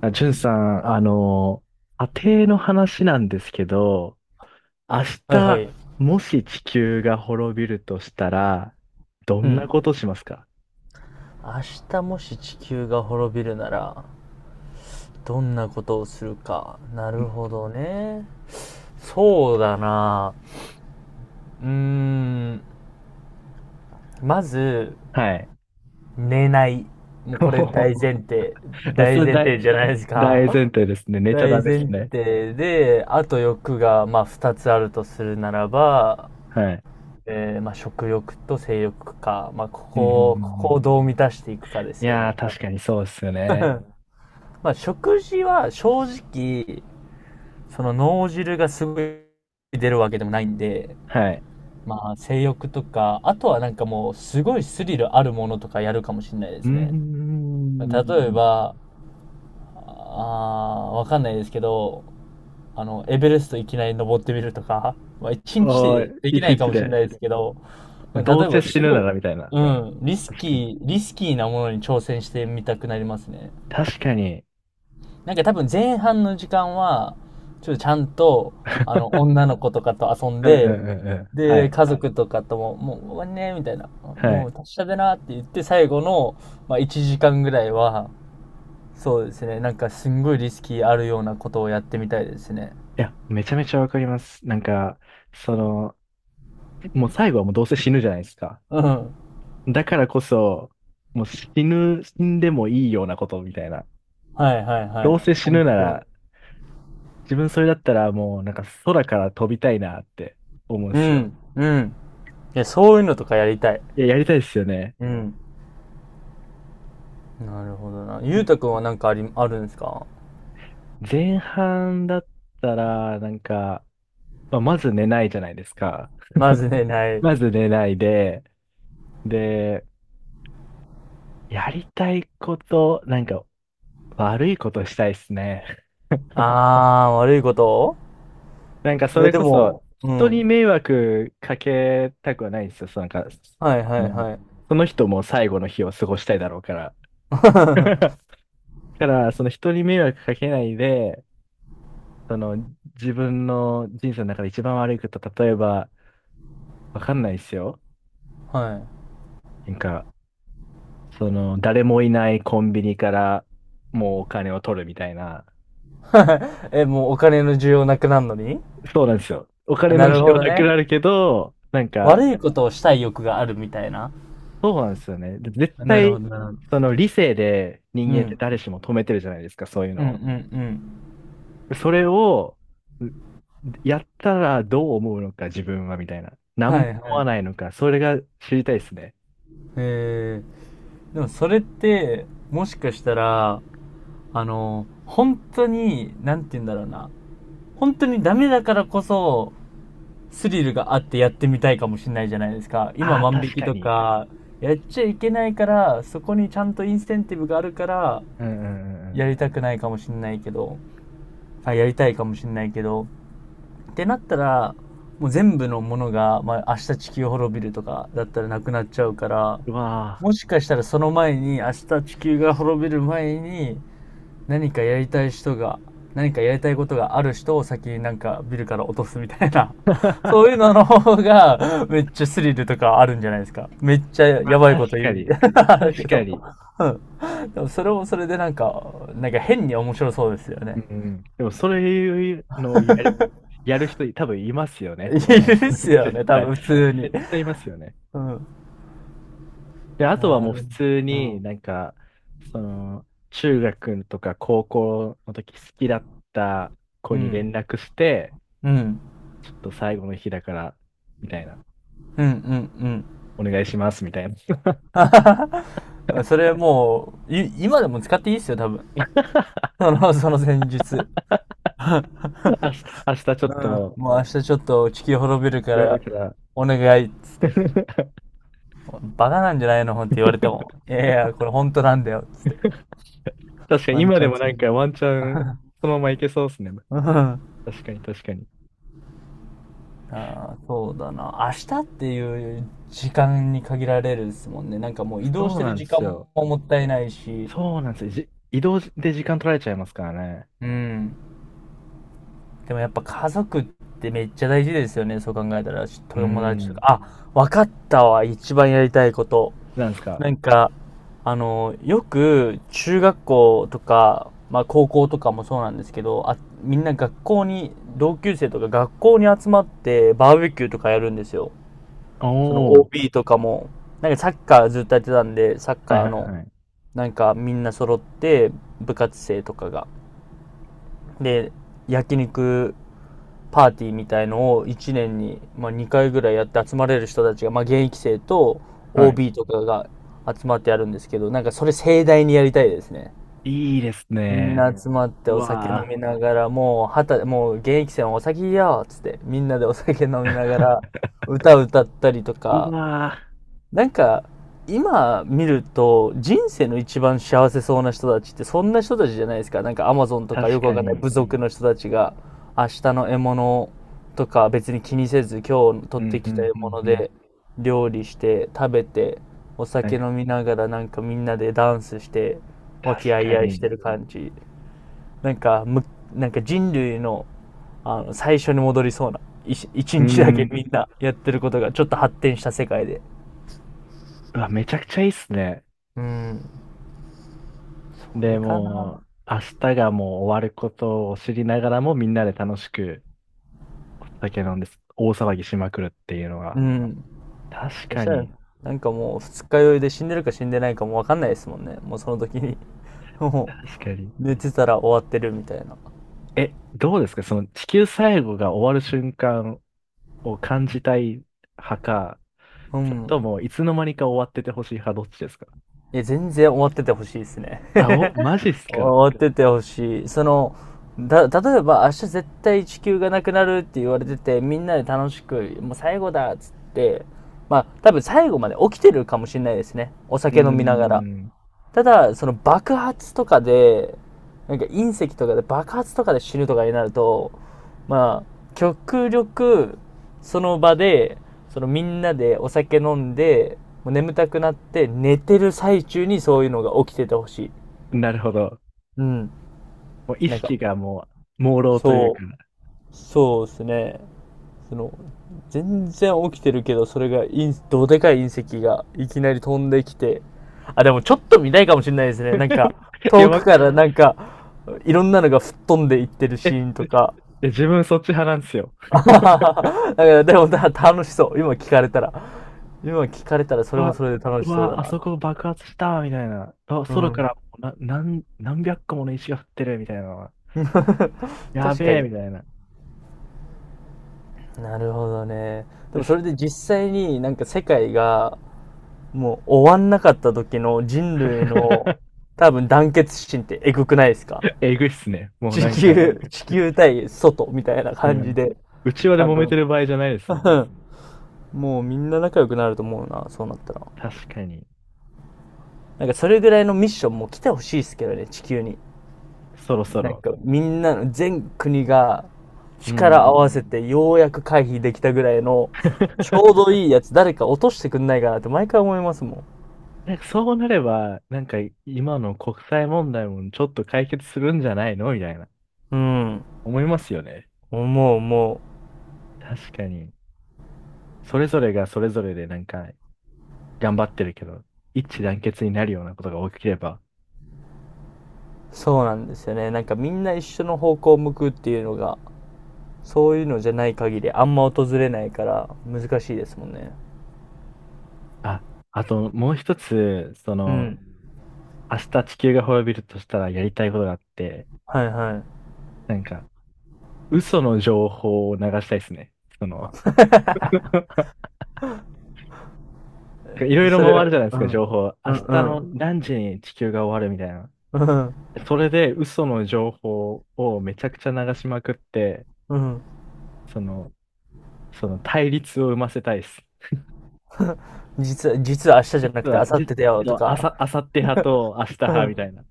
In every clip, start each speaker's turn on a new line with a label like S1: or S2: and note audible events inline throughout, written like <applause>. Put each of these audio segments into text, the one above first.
S1: あ、じゅんさん、家庭の話なんですけど、明
S2: はいはい。
S1: 日、もし地球が滅びるとしたら、ど
S2: う
S1: ん
S2: ん。
S1: なことしますか？
S2: 明日もし地球が滅びるなら、どんなことをするか。なる
S1: ん。
S2: ほどね。そうだな。うーん。まず、
S1: はい。
S2: 寝ない。もうこれ大前
S1: <laughs>
S2: 提。
S1: まあ、そ
S2: 大
S1: れ
S2: 前
S1: 大
S2: 提じゃないです
S1: 大、
S2: か。
S1: 前提ですね。寝ちゃダ
S2: 大
S1: メです
S2: 前
S1: ね。
S2: 提で、あと欲が、まあ、二つあるとするならば、
S1: はい。
S2: まあ、食欲と性欲か。まあ、
S1: うんうんうん
S2: こ
S1: う
S2: こ
S1: ん。
S2: をどう満たしていくかで
S1: い
S2: すよ
S1: やー、
S2: ね。
S1: 確かにそうですよ
S2: 多
S1: ね。
S2: 分 <laughs> まあ、食事は正直、その脳汁がすごい出るわけでもないんで、
S1: はい。
S2: まあ性欲とか、あとはなんかもうすごいスリルあるものとかやるかもしれないで
S1: うー
S2: すね。例え
S1: ん。
S2: ば、あーわかんないですけど、エベレストいきなり登ってみるとか、まあ一日
S1: お
S2: で
S1: ー、
S2: で
S1: い
S2: きな
S1: ち
S2: い
S1: い
S2: か
S1: ち
S2: もしれ
S1: で、
S2: ないですけど、例え
S1: どうせ
S2: ば
S1: 死
S2: す
S1: ぬ
S2: ご
S1: な
S2: い、
S1: らみたいな。
S2: うん、
S1: 確かに。
S2: リスキーなものに挑戦してみたくなりますね。
S1: 確かに。
S2: なんか多分前半の時間は、ちょっとちゃんと、女の子とかと遊ん
S1: うんう
S2: で、
S1: んうんうん。は
S2: で、
S1: い。
S2: 家族とかとも、もう終わりね、みたいな、
S1: は
S2: も
S1: い。
S2: う達者でなって言って、最後の、まあ、1時間ぐらいは、そうですね、なんかすんごいリスキーあるようなことをやってみたいですね。
S1: いや、めちゃめちゃわかります。なんか、その、もう最後はもうどうせ死ぬじゃないですか。
S2: うん。
S1: だからこそ、もう死んでもいいようなことみたいな。
S2: はいはいは
S1: ど
S2: い。
S1: うせ死
S2: 本
S1: ぬな
S2: 当に。
S1: ら、自分それだったらもうなんか空から飛びたいなって思うんで
S2: う
S1: すよ。
S2: ん、うん。いや、そういうのとかやりたい。
S1: いや、やりたいですよね。
S2: うん。なるほどな。ゆうたくんはなんかあるんですか。
S1: 前半だったら、なんか、まあ、まず寝ないじゃないですか。
S2: まずね、ない。
S1: まず寝ないで、で、やりたいこと、なんか悪いことしたいですね。
S2: あー、悪いこと。
S1: なんかそ
S2: え、
S1: れ
S2: で
S1: こ
S2: も、
S1: そ
S2: う
S1: 人に
S2: ん。
S1: 迷惑かけたくはないんですよ。そうなんか、
S2: はいはい
S1: の
S2: はい。
S1: その人も最後の日を過ごしたいだろうから。<laughs>
S2: <laughs>
S1: だから、その人に迷惑かけないで、その自分の人生の中で一番悪いこと、例えば、わかんないですよ。
S2: は
S1: なんか、その、誰もいないコンビニからもうお金を取るみたいな。
S2: い。<laughs> え、もうお金の需要なくなるのに。
S1: そうなんですよ。お
S2: あ、
S1: 金の
S2: な
S1: 需
S2: るほ
S1: 要
S2: ど
S1: なく
S2: ね。
S1: なるけど、なんか、
S2: 悪いことをしたい欲があるみたいな。
S1: そうなんですよね。で絶
S2: なるほ
S1: 対、
S2: どなるほど。
S1: その理性で人
S2: う
S1: 間って
S2: ん。
S1: 誰しも止めてるじゃないですか、そういう
S2: うん
S1: の
S2: うんう
S1: を。
S2: ん。
S1: それを、うやったらどう思うのか、自分は、みたいな。何
S2: は
S1: も
S2: い
S1: 思
S2: は
S1: わ
S2: い。
S1: ないのか、それが知りたいですね。
S2: えー、でもそれって、もしかしたら、あの、本当に、なんて言うんだろうな。本当にダメだからこそ、スリルがあってやってみたいかもしれないじゃないですか。今
S1: ああ、
S2: 万引
S1: 確
S2: き
S1: か
S2: と
S1: に。
S2: か、やっちゃいけないから、そこにちゃんとインセンティブがあるから、
S1: うんうんうんうん。
S2: やりたくないかもしれないけど、あ、やりたいかもしれないけど、ってなったら、もう全部のものが、まあ、明日地球滅びるとかだったらなくなっちゃうから、
S1: うわあ。
S2: もしかしたらその前に、明日地球が滅びる前に、何かやりたい人が、何かやりたいことがある人を先になんかビルから落とすみたいな <laughs>、そういう
S1: <laughs> う
S2: のの方がめっちゃスリルとかあるんじゃないですか。めっちゃや
S1: わ
S2: ばい
S1: 確
S2: こと言
S1: か
S2: うみ
S1: に。
S2: たいな <laughs>、あるけ
S1: 確か
S2: ど
S1: に。
S2: <laughs>。うん。でもそれもそれでなんか、なんか変に面白そうですよ
S1: う
S2: ね。
S1: んうん。でも、そういうのをやる人、多分いますよ
S2: <laughs>
S1: ね。
S2: い
S1: そう
S2: るっす
S1: <laughs>
S2: よ
S1: 絶
S2: ね、多
S1: 対。
S2: 分普通に。
S1: 絶対いますよね。
S2: うん。
S1: で、あとは
S2: な
S1: もう普
S2: る
S1: 通
S2: ほ
S1: に
S2: ど。
S1: なんか、その、中学とか高校の時好きだった子
S2: う
S1: に連
S2: ん。
S1: 絡して、
S2: うん。うん。
S1: ちょっと最後の日だから、みたいな、
S2: うん。うん。<laughs>
S1: お願いします、みたいな。<laughs>
S2: うんそれもう、今でも使っていいっすよ、多分。その戦術。
S1: 明日ちょっと
S2: もう明日ちょっと地球滅びるか
S1: 夜
S2: ら
S1: から
S2: お願いっつって。
S1: <laughs>
S2: バカなんじゃないのほんって言われても。いやいや、これ本当なんだよっつって。
S1: 確かに
S2: ワン
S1: 今
S2: チ
S1: で
S2: ャン
S1: も
S2: つ
S1: なん
S2: に。
S1: かワンチャンそのままいけそうですね。
S2: うん。あ
S1: 確かに確かに。
S2: あ、そうだな。明日っていう時間に限られるですもんね。なんかもう移動し
S1: そう
S2: て
S1: な
S2: る
S1: んで
S2: 時
S1: す
S2: 間も
S1: よ。
S2: もったいないし。
S1: そうなんですよ。移動で時間取られちゃいますからね。
S2: うん。でもやっぱ家族ってめっちゃ大事ですよね。そう考えたら。
S1: うー
S2: 友達とか。
S1: ん。
S2: あ、わかったわ。一番やりたいこと。
S1: なんですか？
S2: なんか、あの、よく中学校とか、まあ高校とかもそうなんですけど、あ、みんな学校に、同級生とか学校に集まってバーベキューとかやるんですよ。その
S1: おー。
S2: OB とかも。なんかサッカーずっとやってたんで、サッ
S1: は
S2: カ
S1: い
S2: ー
S1: はい
S2: の、
S1: はい。
S2: なんかみんな揃って、部活生とかが。で、焼肉パーティーみたいのを1年に、まあ、2回ぐらいやって集まれる人たちが、まあ、現役生と
S1: はい。
S2: OB とかが集まってやるんですけど、なんかそれ盛大にやりたいですね。
S1: いいです
S2: みん
S1: ね。
S2: な集まって
S1: う
S2: お酒飲
S1: わ
S2: みながら、もう現役生はお酒やーっつって、みんなでお酒飲みながら、
S1: ー
S2: 歌歌ったりと
S1: <laughs> う
S2: か、
S1: わ
S2: なんか、今見ると、人生の一番幸せそうな人たちってそんな人たちじゃないですか。なんかアマゾンと
S1: ー
S2: かよ
S1: 確
S2: くわ
S1: か
S2: かんない
S1: に。
S2: 部族の人たちが、明日の獲物とか別に気にせず、今日
S1: う
S2: 取って
S1: ん、う
S2: きた
S1: ん、
S2: 獲
S1: うん、
S2: 物
S1: うん。
S2: で料理して、食べて、お
S1: なん
S2: 酒
S1: か、
S2: 飲みながらなんかみんなでダンスして、和
S1: 確
S2: 気あい
S1: か
S2: あいして
S1: に。
S2: る感じ。なんか、む、なんか人類の、あの、最初に戻りそうな、一
S1: うー
S2: 日だけみ
S1: ん。
S2: んなやってることがちょっと発展した世界で。
S1: うわ、めちゃくちゃいいっすね。
S2: うん。これ
S1: で、
S2: か
S1: も
S2: な。
S1: う、明日がもう終わることを知りながらも、みんなで楽しく酒飲んで、大騒ぎしまくるっていうの
S2: う
S1: は、
S2: ん。
S1: 確
S2: そし
S1: か
S2: たら、
S1: に、
S2: なんかもう二日酔いで死んでるか死んでないかもわかんないですもんね。もうその時に。<laughs> も
S1: 確かに。
S2: う、寝てたら終わってるみたいな。
S1: え、どうですかその地球最後が終わる瞬間を感じたい派か、
S2: う
S1: それ
S2: ん。
S1: ともいつの間にか終わっててほしい派、どっちですか？
S2: いや、全然終わっててほしいですね。
S1: あ、お、マジっす
S2: <laughs>
S1: か。
S2: 終わっててほしい。例えば明日絶対地球がなくなるって言われてて、みんなで楽しく、もう最後だっつって、まあ、多分最後まで起きてるかもしれないですね。お
S1: うー
S2: 酒飲みながら。
S1: ん。
S2: ただ、その爆発とかで、なんか隕石とかで爆発とかで死ぬとかになると、まあ、極力、その場で、そのみんなでお酒飲んで、もう眠たくなって寝てる最中にそういうのが起きててほしい。
S1: なるほど。
S2: うん。
S1: もう意
S2: なんか、
S1: 識がもう、朦朧というか。
S2: そそうですね。その全然起きてるけどそれがどでかい隕石がいきなり飛んできて、あでもちょっと見たいかもしれないですね、なんか
S1: <laughs> いや、
S2: 遠
S1: わ、
S2: くからなんかいろんなのが吹っ飛んでいってるシ
S1: え、
S2: ーンとか。
S1: 自分そっち派なんですよ。
S2: <laughs> だからでもだ楽しそう、今聞かれたらそ
S1: う
S2: れも
S1: わ、
S2: それで楽
S1: う
S2: しそうだ
S1: わ、あ
S2: な。
S1: そこ爆発したみたいな。あ、
S2: う
S1: 空か
S2: ん。
S1: らな、何百個もの石が降ってるみたいなのは。
S2: <laughs> 確
S1: や
S2: か
S1: べえ
S2: に。
S1: みたいな。
S2: なるほどね。で
S1: で
S2: も
S1: す
S2: それで実際になんか世界がもう終わんなかった時の人類の
S1: <laughs>
S2: 多分団結心ってえぐくないですか。
S1: えぐいっすね。もう
S2: 地
S1: なんか、
S2: 球、<laughs> 地球対外みたいな
S1: う
S2: 感じ
S1: ん。
S2: で、
S1: うちわで
S2: 多
S1: 揉め
S2: 分。
S1: てる場合じゃないですもん。
S2: <laughs> もうみんな仲良くなると思うな、そうなったら。
S1: 確かに。
S2: なんかそれぐらいのミッションも来てほしいですけどね、地球に。
S1: そろそ
S2: なん
S1: ろ。
S2: かみんなの全国が
S1: う
S2: 力合
S1: ん。
S2: わせてようやく回避できたぐらいのちょう
S1: <laughs>
S2: どいいやつ誰か落としてくんないかなって毎回思いますも
S1: なんかそうなれば、なんか今の国際問題もちょっと解決するんじゃないのみたいな。
S2: ん。うん。
S1: 思いますよね。
S2: 思う。
S1: 確かに。それぞれがそれぞれでなんか頑張ってるけど、一致団結になるようなことが起きれば。
S2: そうなんですよね、なんかみんな一緒の方向を向くっていうのがそういうのじゃない限りあんま訪れないから難しいですもんね。
S1: あ、あともう一つ、そ
S2: う
S1: の、
S2: ん。
S1: 明日地球が滅びるとしたらやりたいことがあって、
S2: はい
S1: なんか嘘の情報を流したいですね。その、なん
S2: は
S1: かいろ
S2: い。 <laughs>
S1: いろ
S2: それ。
S1: 回るじゃないで
S2: う
S1: すか、
S2: んうん
S1: 情報。
S2: う
S1: 明日の
S2: ん
S1: 何時に地球が終わるみたいな。
S2: うん
S1: それで嘘の情報をめちゃくちゃ流しまくって、
S2: うん。
S1: その、その対立を生ませたいです。
S2: 実は明日じゃな
S1: 実
S2: くて明
S1: は、
S2: 後日
S1: 実
S2: だよと
S1: は、
S2: か。
S1: あさって派と明日
S2: う
S1: 派みた
S2: ん。
S1: いな。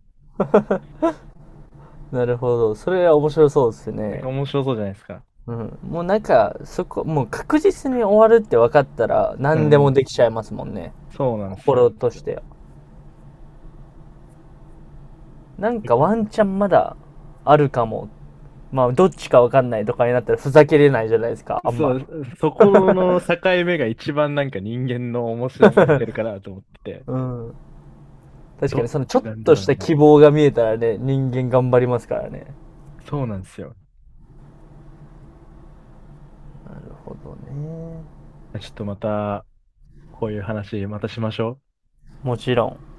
S2: なるほど、それは面白そうです
S1: なんか
S2: ね。
S1: 面白そうじゃないですか。
S2: うん、もうなんかそこもう確実に終わるって分かったら
S1: う
S2: 何で
S1: んう
S2: も
S1: ん。
S2: できちゃいますもんね、
S1: そうなんです
S2: 心
S1: よ。
S2: としては。なんかワンチャンまだあるかも。まあ、どっちかわかんないとかになったらふざけれないじゃないですか、あん
S1: そ
S2: ま。
S1: う、そこの境目が一番なんか人間の面白さが出るか
S2: <laughs>
S1: なと思ってて、
S2: うん。確
S1: ど
S2: か
S1: っ
S2: に、そのちょ
S1: ち
S2: っ
S1: なんだ
S2: と
S1: ろ
S2: し
S1: う
S2: た
S1: ね。
S2: 希望が見えたらね、人間頑張りますからね。
S1: そうなんですよ。
S2: なるほどね。
S1: ちょっとまた、こういう話またしましょう。
S2: もちろん。